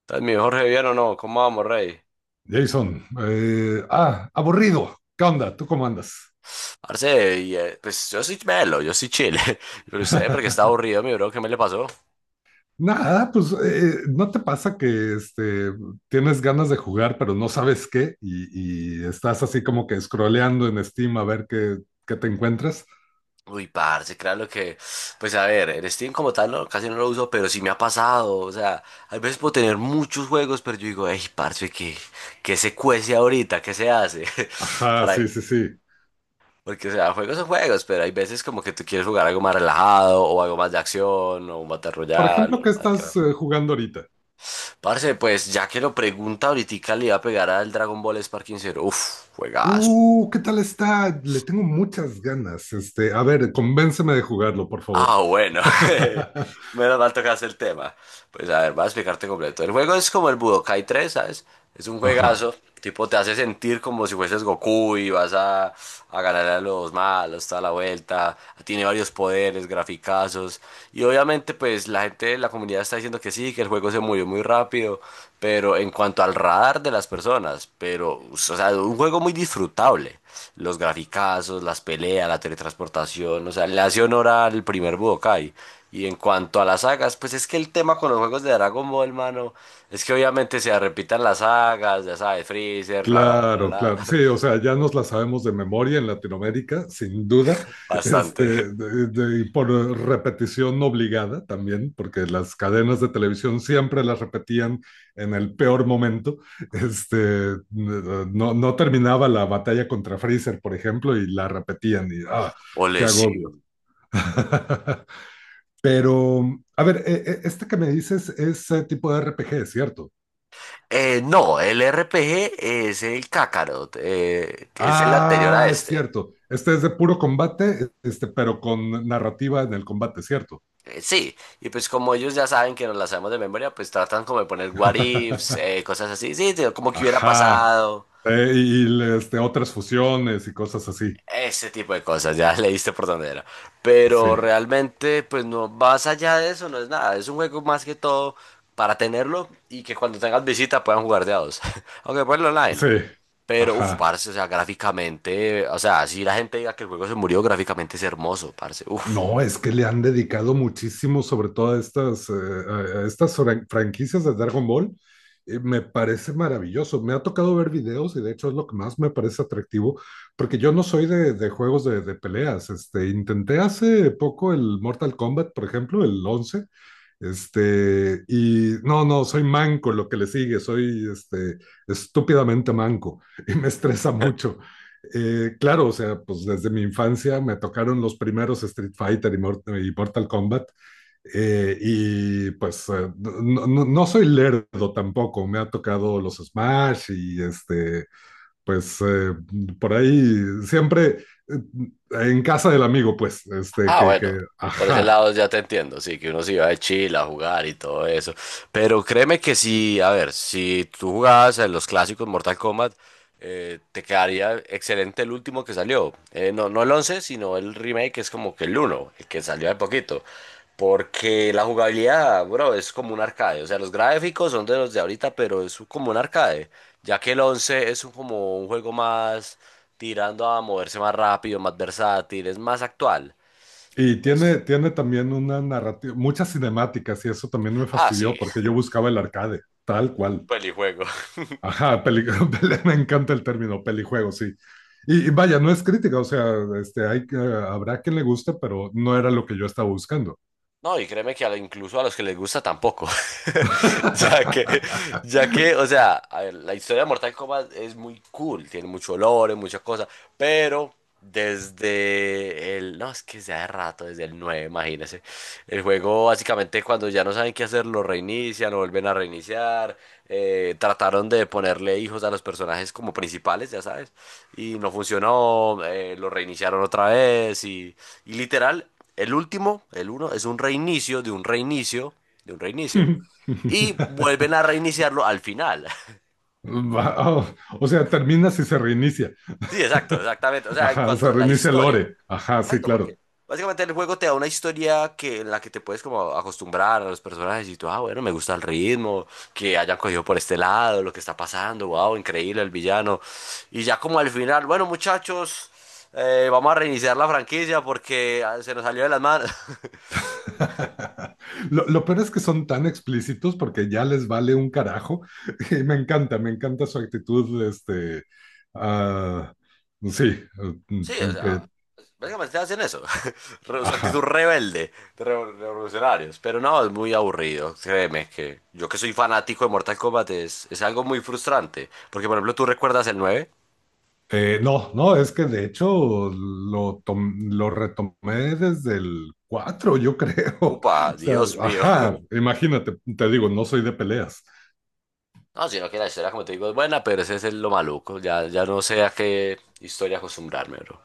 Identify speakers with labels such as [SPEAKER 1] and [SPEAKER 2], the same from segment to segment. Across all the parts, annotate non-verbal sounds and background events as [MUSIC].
[SPEAKER 1] ¿Estás mi Jorge bien o no? ¿Cómo vamos, rey?
[SPEAKER 2] Jason, aburrido. ¿Qué onda? ¿Tú cómo andas?
[SPEAKER 1] Parce, y, pues yo soy melo, yo soy chile. [LAUGHS] Pero usted, porque está
[SPEAKER 2] [LAUGHS]
[SPEAKER 1] aburrido, mi bro, ¿qué me le pasó?
[SPEAKER 2] Nada, pues ¿no te pasa que tienes ganas de jugar, pero no sabes qué? Y estás así como que scrolleando en Steam a ver qué te encuentras.
[SPEAKER 1] Uy, parce, claro que, pues a ver, el Steam como tal no, casi no lo uso, pero sí me ha pasado, o sea, a veces puedo tener muchos juegos, pero yo digo, ey parce, ¿qué se cuece ahorita? ¿Qué se hace? [LAUGHS]
[SPEAKER 2] Ajá,
[SPEAKER 1] Para,
[SPEAKER 2] sí, sí, sí.
[SPEAKER 1] porque, o sea, juegos son juegos, pero hay veces como que tú quieres jugar algo más relajado, o algo más de acción, o un Battle
[SPEAKER 2] Por
[SPEAKER 1] Royale,
[SPEAKER 2] ejemplo,
[SPEAKER 1] o
[SPEAKER 2] ¿qué
[SPEAKER 1] un
[SPEAKER 2] estás
[SPEAKER 1] Minecraft.
[SPEAKER 2] jugando ahorita?
[SPEAKER 1] Parce, pues ya que lo pregunta, ahorita le iba a pegar al Dragon Ball Sparking Zero. Uf, juegazo.
[SPEAKER 2] ¿Qué tal está? Le tengo muchas ganas. Este, a ver, convénceme de jugarlo, por favor.
[SPEAKER 1] Ah, bueno.
[SPEAKER 2] [LAUGHS]
[SPEAKER 1] [LAUGHS] Menos mal tocaste el tema. Pues a ver, voy a explicarte completo. El juego es como el Budokai tres, ¿sabes? Es un
[SPEAKER 2] Ajá.
[SPEAKER 1] juegazo. Tipo, te hace sentir como si fueses Goku y vas a ganar a los malos toda la vuelta. Tiene varios poderes, graficazos. Y obviamente, pues la gente, la comunidad está diciendo que sí, que el juego se murió muy rápido. Pero en cuanto al radar de las personas, pero, o sea, un juego muy disfrutable los graficazos, las peleas, la teletransportación, o sea, le hace honor al primer Budokai. Y en cuanto a las sagas, pues es que el tema con los juegos de Dragon Ball, mano, es que obviamente se repitan las sagas, ya sabes, Freezer, bla, bla,
[SPEAKER 2] Claro,
[SPEAKER 1] bla,
[SPEAKER 2] claro.
[SPEAKER 1] bla,
[SPEAKER 2] Sí, o sea, ya nos la sabemos de memoria en Latinoamérica, sin duda.
[SPEAKER 1] [LAUGHS]
[SPEAKER 2] [LAUGHS] este,
[SPEAKER 1] bastante.
[SPEAKER 2] y por repetición obligada también, porque las cadenas de televisión siempre las repetían en el peor momento. [LAUGHS] Este, no, no terminaba la batalla contra Freezer, por ejemplo, y la repetían y ¡ah, qué
[SPEAKER 1] Ole,
[SPEAKER 2] agobio!
[SPEAKER 1] sí.
[SPEAKER 2] [LAUGHS] Pero, a ver, este que me dices es tipo de RPG, ¿cierto?
[SPEAKER 1] No, el RPG es el Kakarot, que es el anterior a
[SPEAKER 2] Ah, es
[SPEAKER 1] este.
[SPEAKER 2] cierto. Este es de puro combate, este, pero con narrativa en el combate, ¿cierto?
[SPEAKER 1] Sí, y pues como ellos ya saben que nos la sabemos de memoria, pues tratan como de poner what ifs,
[SPEAKER 2] [LAUGHS]
[SPEAKER 1] cosas así, sí, sí, como que hubiera
[SPEAKER 2] Ajá.
[SPEAKER 1] pasado.
[SPEAKER 2] Este, otras fusiones y cosas así.
[SPEAKER 1] Ese tipo de cosas, ya [LAUGHS] leíste por dónde era.
[SPEAKER 2] Sí,
[SPEAKER 1] Pero realmente, pues no, más allá de eso, no es nada. Es un juego más que todo para tenerlo y que cuando tengas visita puedan jugar de a dos. [LAUGHS] Aunque ponlo online.
[SPEAKER 2] sí.
[SPEAKER 1] Pero, uff,
[SPEAKER 2] Ajá.
[SPEAKER 1] parce, o sea, gráficamente, o sea, si la gente diga que el juego se murió, gráficamente es hermoso, parce. Uff.
[SPEAKER 2] No, es que le han dedicado muchísimo, sobre todo a estas, a estas franquicias de Dragon Ball. Me parece maravilloso. Me ha tocado ver videos y de hecho es lo que más me parece atractivo, porque yo no soy de juegos de peleas. Este, intenté hace poco el Mortal Kombat, por ejemplo, el 11. Este, y no, no, soy manco lo que le sigue, soy este, estúpidamente manco [LAUGHS] y me estresa mucho. Claro, o sea, pues desde mi infancia me tocaron los primeros Street Fighter y, Mortal Kombat. No, no soy lerdo tampoco, me ha tocado los Smash y este, pues por ahí siempre eh, en casa del amigo, pues, este,
[SPEAKER 1] Ah, bueno, por ese
[SPEAKER 2] ajá.
[SPEAKER 1] lado ya te entiendo, sí, que uno se iba de Chile a jugar y todo eso. Pero créeme que sí, a ver, si tú jugabas en los clásicos Mortal Kombat, te quedaría excelente el último que salió. No, no el 11, sino el remake, que es como que el uno, el que salió hace poquito. Porque la jugabilidad, bro, es como un arcade. O sea, los gráficos son de los de ahorita, pero es como un arcade. Ya que el 11 es como un juego más tirando a moverse más rápido, más versátil, es más actual. Y
[SPEAKER 2] Y tiene,
[SPEAKER 1] pues,
[SPEAKER 2] tiene también una narrativa, muchas cinemáticas y eso también me
[SPEAKER 1] ah,
[SPEAKER 2] fastidió
[SPEAKER 1] sí,
[SPEAKER 2] porque yo buscaba el arcade, tal
[SPEAKER 1] un
[SPEAKER 2] cual.
[SPEAKER 1] pelijuego. [LAUGHS]
[SPEAKER 2] Ajá, peli- [LAUGHS] me encanta el término pelijuego, sí. Y vaya, no es crítica, o sea, este, habrá quien le guste, pero no era lo que yo estaba buscando.
[SPEAKER 1] No, y créeme que incluso a los que les gusta tampoco. [LAUGHS] Ya que,
[SPEAKER 2] [LAUGHS]
[SPEAKER 1] ya que, o sea, a ver, la historia de Mortal Kombat es muy cool, tiene mucho olor, muchas cosas, pero desde el, no, es que sea de rato, desde el 9 imagínense. El juego básicamente cuando ya no saben qué hacer, lo reinician, lo vuelven a reiniciar, trataron de ponerle hijos a los personajes como principales, ya sabes, y no funcionó, lo reiniciaron otra vez y... Y literal, el último, el uno, es un reinicio de un reinicio de un reinicio. Y vuelven a reiniciarlo al final. [LAUGHS]
[SPEAKER 2] Oh, o sea, termina si se reinicia.
[SPEAKER 1] Sí, exacto, exactamente. O sea, en
[SPEAKER 2] Ajá,
[SPEAKER 1] cuanto
[SPEAKER 2] se
[SPEAKER 1] a la
[SPEAKER 2] reinicia el
[SPEAKER 1] historia.
[SPEAKER 2] lore. Ajá, sí,
[SPEAKER 1] Exacto, porque
[SPEAKER 2] claro.
[SPEAKER 1] básicamente el juego te da una historia que, en la que te puedes como acostumbrar a los personajes y tú, ah, bueno, me gusta el ritmo, que hayan cogido por este lado, lo que está pasando, wow, increíble el villano. Y ya como al final, bueno, muchachos, vamos a reiniciar la franquicia porque ah, se nos salió de las manos. [LAUGHS]
[SPEAKER 2] [LAUGHS] Lo peor es que son tan explícitos porque ya les vale un carajo. [LAUGHS] Y me encanta su actitud, este, ah, sí,
[SPEAKER 1] Sí, o sea,
[SPEAKER 2] que,
[SPEAKER 1] básicamente hacen eso. Su actitud
[SPEAKER 2] ajá.
[SPEAKER 1] rebelde de revolucionarios. Pero no, es muy aburrido. Créeme que yo que soy fanático de Mortal Kombat es algo muy frustrante. Porque, por ejemplo, tú recuerdas el nueve.
[SPEAKER 2] No, no, es que de hecho lo retomé desde el 4, yo creo. [LAUGHS]
[SPEAKER 1] Upa,
[SPEAKER 2] O sea,
[SPEAKER 1] Dios mío. [LAUGHS]
[SPEAKER 2] ajá, imagínate, te digo, no soy de peleas.
[SPEAKER 1] No, sino que la historia, como te digo, es buena, pero ese es lo maluco. Ya, ya no sé a qué historia acostumbrarme, bro.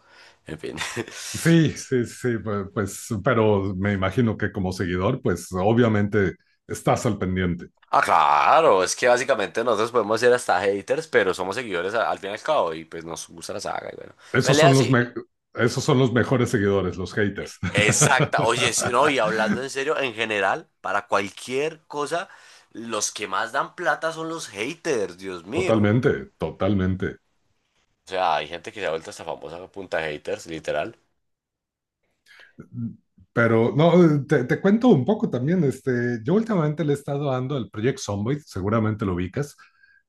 [SPEAKER 1] En fin. [LAUGHS]
[SPEAKER 2] Sí, sí, sí, pues, pero me imagino que como seguidor, pues obviamente estás al pendiente.
[SPEAKER 1] Ah, claro, es que básicamente nosotros podemos ser hasta haters, pero somos seguidores al fin y al cabo. Y pues nos gusta la saga. Y bueno,
[SPEAKER 2] Esos
[SPEAKER 1] pelea
[SPEAKER 2] son los,
[SPEAKER 1] sí.
[SPEAKER 2] me- Esos son los mejores seguidores, los haters.
[SPEAKER 1] Exacta. Oye, sí, no, y hablando en
[SPEAKER 2] [LAUGHS]
[SPEAKER 1] serio, en general, para cualquier cosa, los que más dan plata son los haters, Dios mío.
[SPEAKER 2] Totalmente, totalmente.
[SPEAKER 1] O sea, hay gente que se ha vuelto hasta famosa a punta de haters, literal.
[SPEAKER 2] Pero no, te cuento un poco también. Este, yo últimamente le he estado dando al Project Zomboid, seguramente lo ubicas.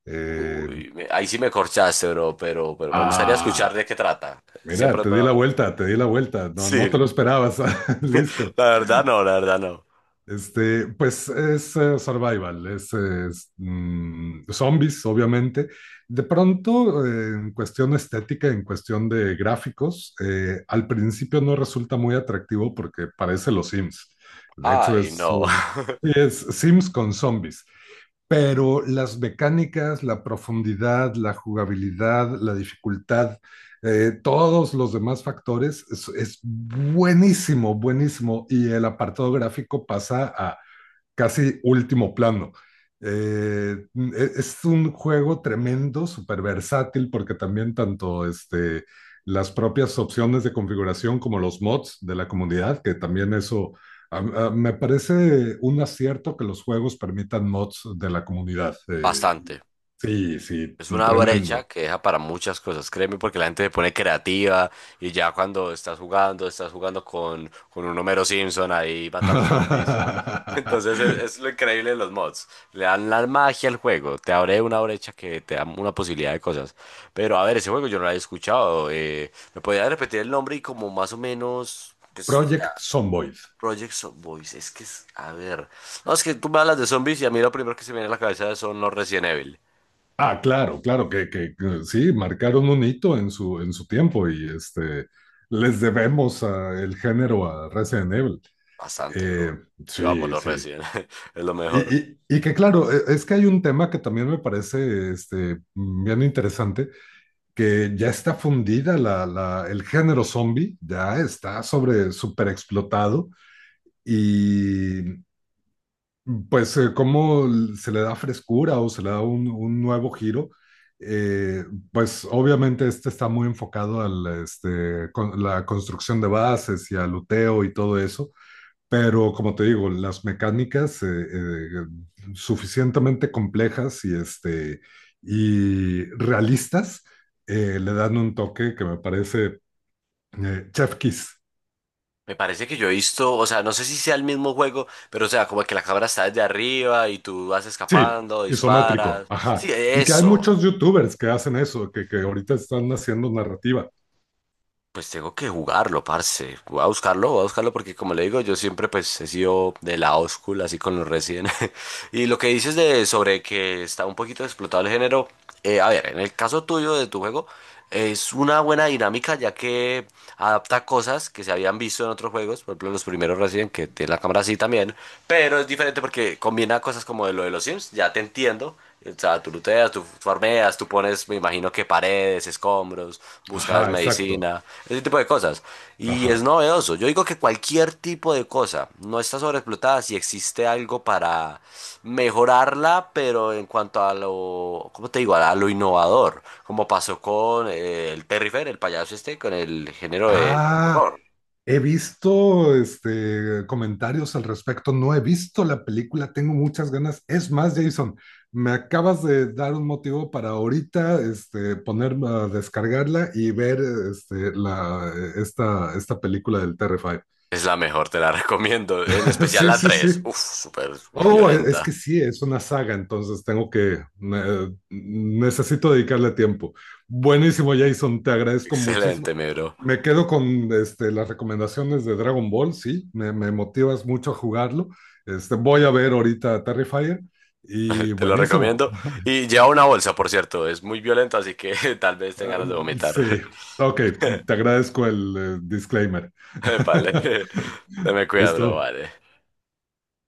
[SPEAKER 2] Eh,
[SPEAKER 1] Uy, ahí sí me corchaste, bro, pero me gustaría escuchar de
[SPEAKER 2] ah,
[SPEAKER 1] qué trata.
[SPEAKER 2] mira,
[SPEAKER 1] Siempre es
[SPEAKER 2] te di
[SPEAKER 1] bueno
[SPEAKER 2] la
[SPEAKER 1] hablar.
[SPEAKER 2] vuelta, te di la vuelta. No, no te
[SPEAKER 1] Sí,
[SPEAKER 2] lo esperabas. [LAUGHS] Listo.
[SPEAKER 1] [LAUGHS] la verdad no, la verdad no.
[SPEAKER 2] Este, pues es survival, zombies, obviamente. De pronto, en cuestión estética, en cuestión de gráficos, al principio no resulta muy atractivo porque parece los Sims. De hecho,
[SPEAKER 1] Ay, no. [LAUGHS]
[SPEAKER 2] es Sims con zombies, pero las mecánicas, la profundidad, la jugabilidad, la dificultad, todos los demás factores, es buenísimo, buenísimo. Y el apartado gráfico pasa a casi último plano. Eh, es un juego tremendo, súper versátil, porque también tanto este, las propias opciones de configuración como los mods de la comunidad, que también eso a- me parece un acierto que los juegos permitan mods de la comunidad.
[SPEAKER 1] Bastante.
[SPEAKER 2] Sí, sí,
[SPEAKER 1] Es una brecha
[SPEAKER 2] tremendo.
[SPEAKER 1] que deja para muchas cosas, créeme, porque la gente se pone creativa y ya cuando estás jugando con un Homero Simpson ahí matando zombies. [LAUGHS] Entonces es,
[SPEAKER 2] [LAUGHS]
[SPEAKER 1] es lo increíble de los mods. Le dan la magia al juego, te abre una brecha que te da una posibilidad de cosas. Pero a ver, ese juego yo no lo había escuchado. ¿Me podía repetir el nombre y como más o menos, pues, o sea,
[SPEAKER 2] Project Zomboid.
[SPEAKER 1] Project Zomboid? Es que es, a ver. No, es que tú me hablas de zombies y a mí lo primero que se me viene a la cabeza son los Resident Evil.
[SPEAKER 2] Ah, claro, claro, que sí, marcaron un hito en en su tiempo y este, les debemos el género a Resident Evil.
[SPEAKER 1] Bastante,
[SPEAKER 2] Eh,
[SPEAKER 1] bro. Yo amo
[SPEAKER 2] sí,
[SPEAKER 1] los
[SPEAKER 2] sí.
[SPEAKER 1] Resident. [LAUGHS] Es lo
[SPEAKER 2] Y,
[SPEAKER 1] mejor.
[SPEAKER 2] y- y que claro, es que hay un tema que también me parece este, bien interesante, que ya está fundida el género zombie, ya está sobre, súper explotado y pues cómo se le da frescura o se le da un nuevo giro. Eh, pues obviamente este está muy enfocado a la, este, la construcción de bases y al uteo y todo eso, pero como te digo, las mecánicas suficientemente complejas y, este, y realistas, le dan un toque que me parece chef kiss.
[SPEAKER 1] Me parece que yo he visto, o sea, no sé si sea el mismo juego, pero o sea, como que la cámara está desde arriba y tú vas
[SPEAKER 2] Sí,
[SPEAKER 1] escapando,
[SPEAKER 2] isométrico,
[SPEAKER 1] disparas. Sí,
[SPEAKER 2] ajá. Y que hay
[SPEAKER 1] eso.
[SPEAKER 2] muchos youtubers que hacen eso, que ahorita están haciendo narrativa.
[SPEAKER 1] Pues tengo que jugarlo, parce. Voy a buscarlo porque como le digo, yo siempre pues he sido de la oscula así con los Resident. [LAUGHS] Y lo que dices de sobre que está un poquito explotado el género, a ver, en el caso tuyo de tu juego, es una buena dinámica ya que adapta cosas que se habían visto en otros juegos, por ejemplo los primeros Resident que tiene la cámara así también, pero es diferente porque combina cosas como de lo de los Sims, ya te entiendo, o sea, tú looteas, tú farmeas, tú pones, me imagino que paredes, escombros, buscas
[SPEAKER 2] Ajá, exacto.
[SPEAKER 1] medicina, ese tipo de cosas. Y es
[SPEAKER 2] Ajá.
[SPEAKER 1] novedoso. Yo digo que cualquier tipo de cosa no está sobreexplotada si existe algo para mejorarla, pero en cuanto a lo, ¿cómo te digo? A lo innovador, como pasó con el Terry Fair, el payaso este, con el género del
[SPEAKER 2] Ah,
[SPEAKER 1] horror.
[SPEAKER 2] he visto este, comentarios al respecto. No he visto la película, tengo muchas ganas. Es más, Jason, me acabas de dar un motivo para ahorita este, poner a descargarla y ver este, esta película del terrifier.
[SPEAKER 1] Es la mejor, te la recomiendo, en
[SPEAKER 2] [LAUGHS]
[SPEAKER 1] especial
[SPEAKER 2] Sí,
[SPEAKER 1] la
[SPEAKER 2] sí, sí.
[SPEAKER 1] tres. Uf, súper
[SPEAKER 2] Oh, es que
[SPEAKER 1] violenta.
[SPEAKER 2] sí, es una saga, entonces tengo necesito dedicarle tiempo. Buenísimo, Jason, te agradezco muchísimo.
[SPEAKER 1] Excelente, mi bro.
[SPEAKER 2] Me quedo con este, las recomendaciones de Dragon Ball, sí, me motivas mucho a jugarlo. Este, voy a ver ahorita Terrifier y
[SPEAKER 1] [LAUGHS] Te lo
[SPEAKER 2] buenísimo.
[SPEAKER 1] recomiendo. Y lleva una bolsa, por cierto. Es muy violento, así que [LAUGHS] tal vez tengas
[SPEAKER 2] Ah,
[SPEAKER 1] ganas de vomitar.
[SPEAKER 2] sí, ok, te agradezco el disclaimer.
[SPEAKER 1] [LAUGHS] Vale. [LAUGHS]
[SPEAKER 2] [LAUGHS]
[SPEAKER 1] Te me cuidas, bro.
[SPEAKER 2] Listo.
[SPEAKER 1] Vale.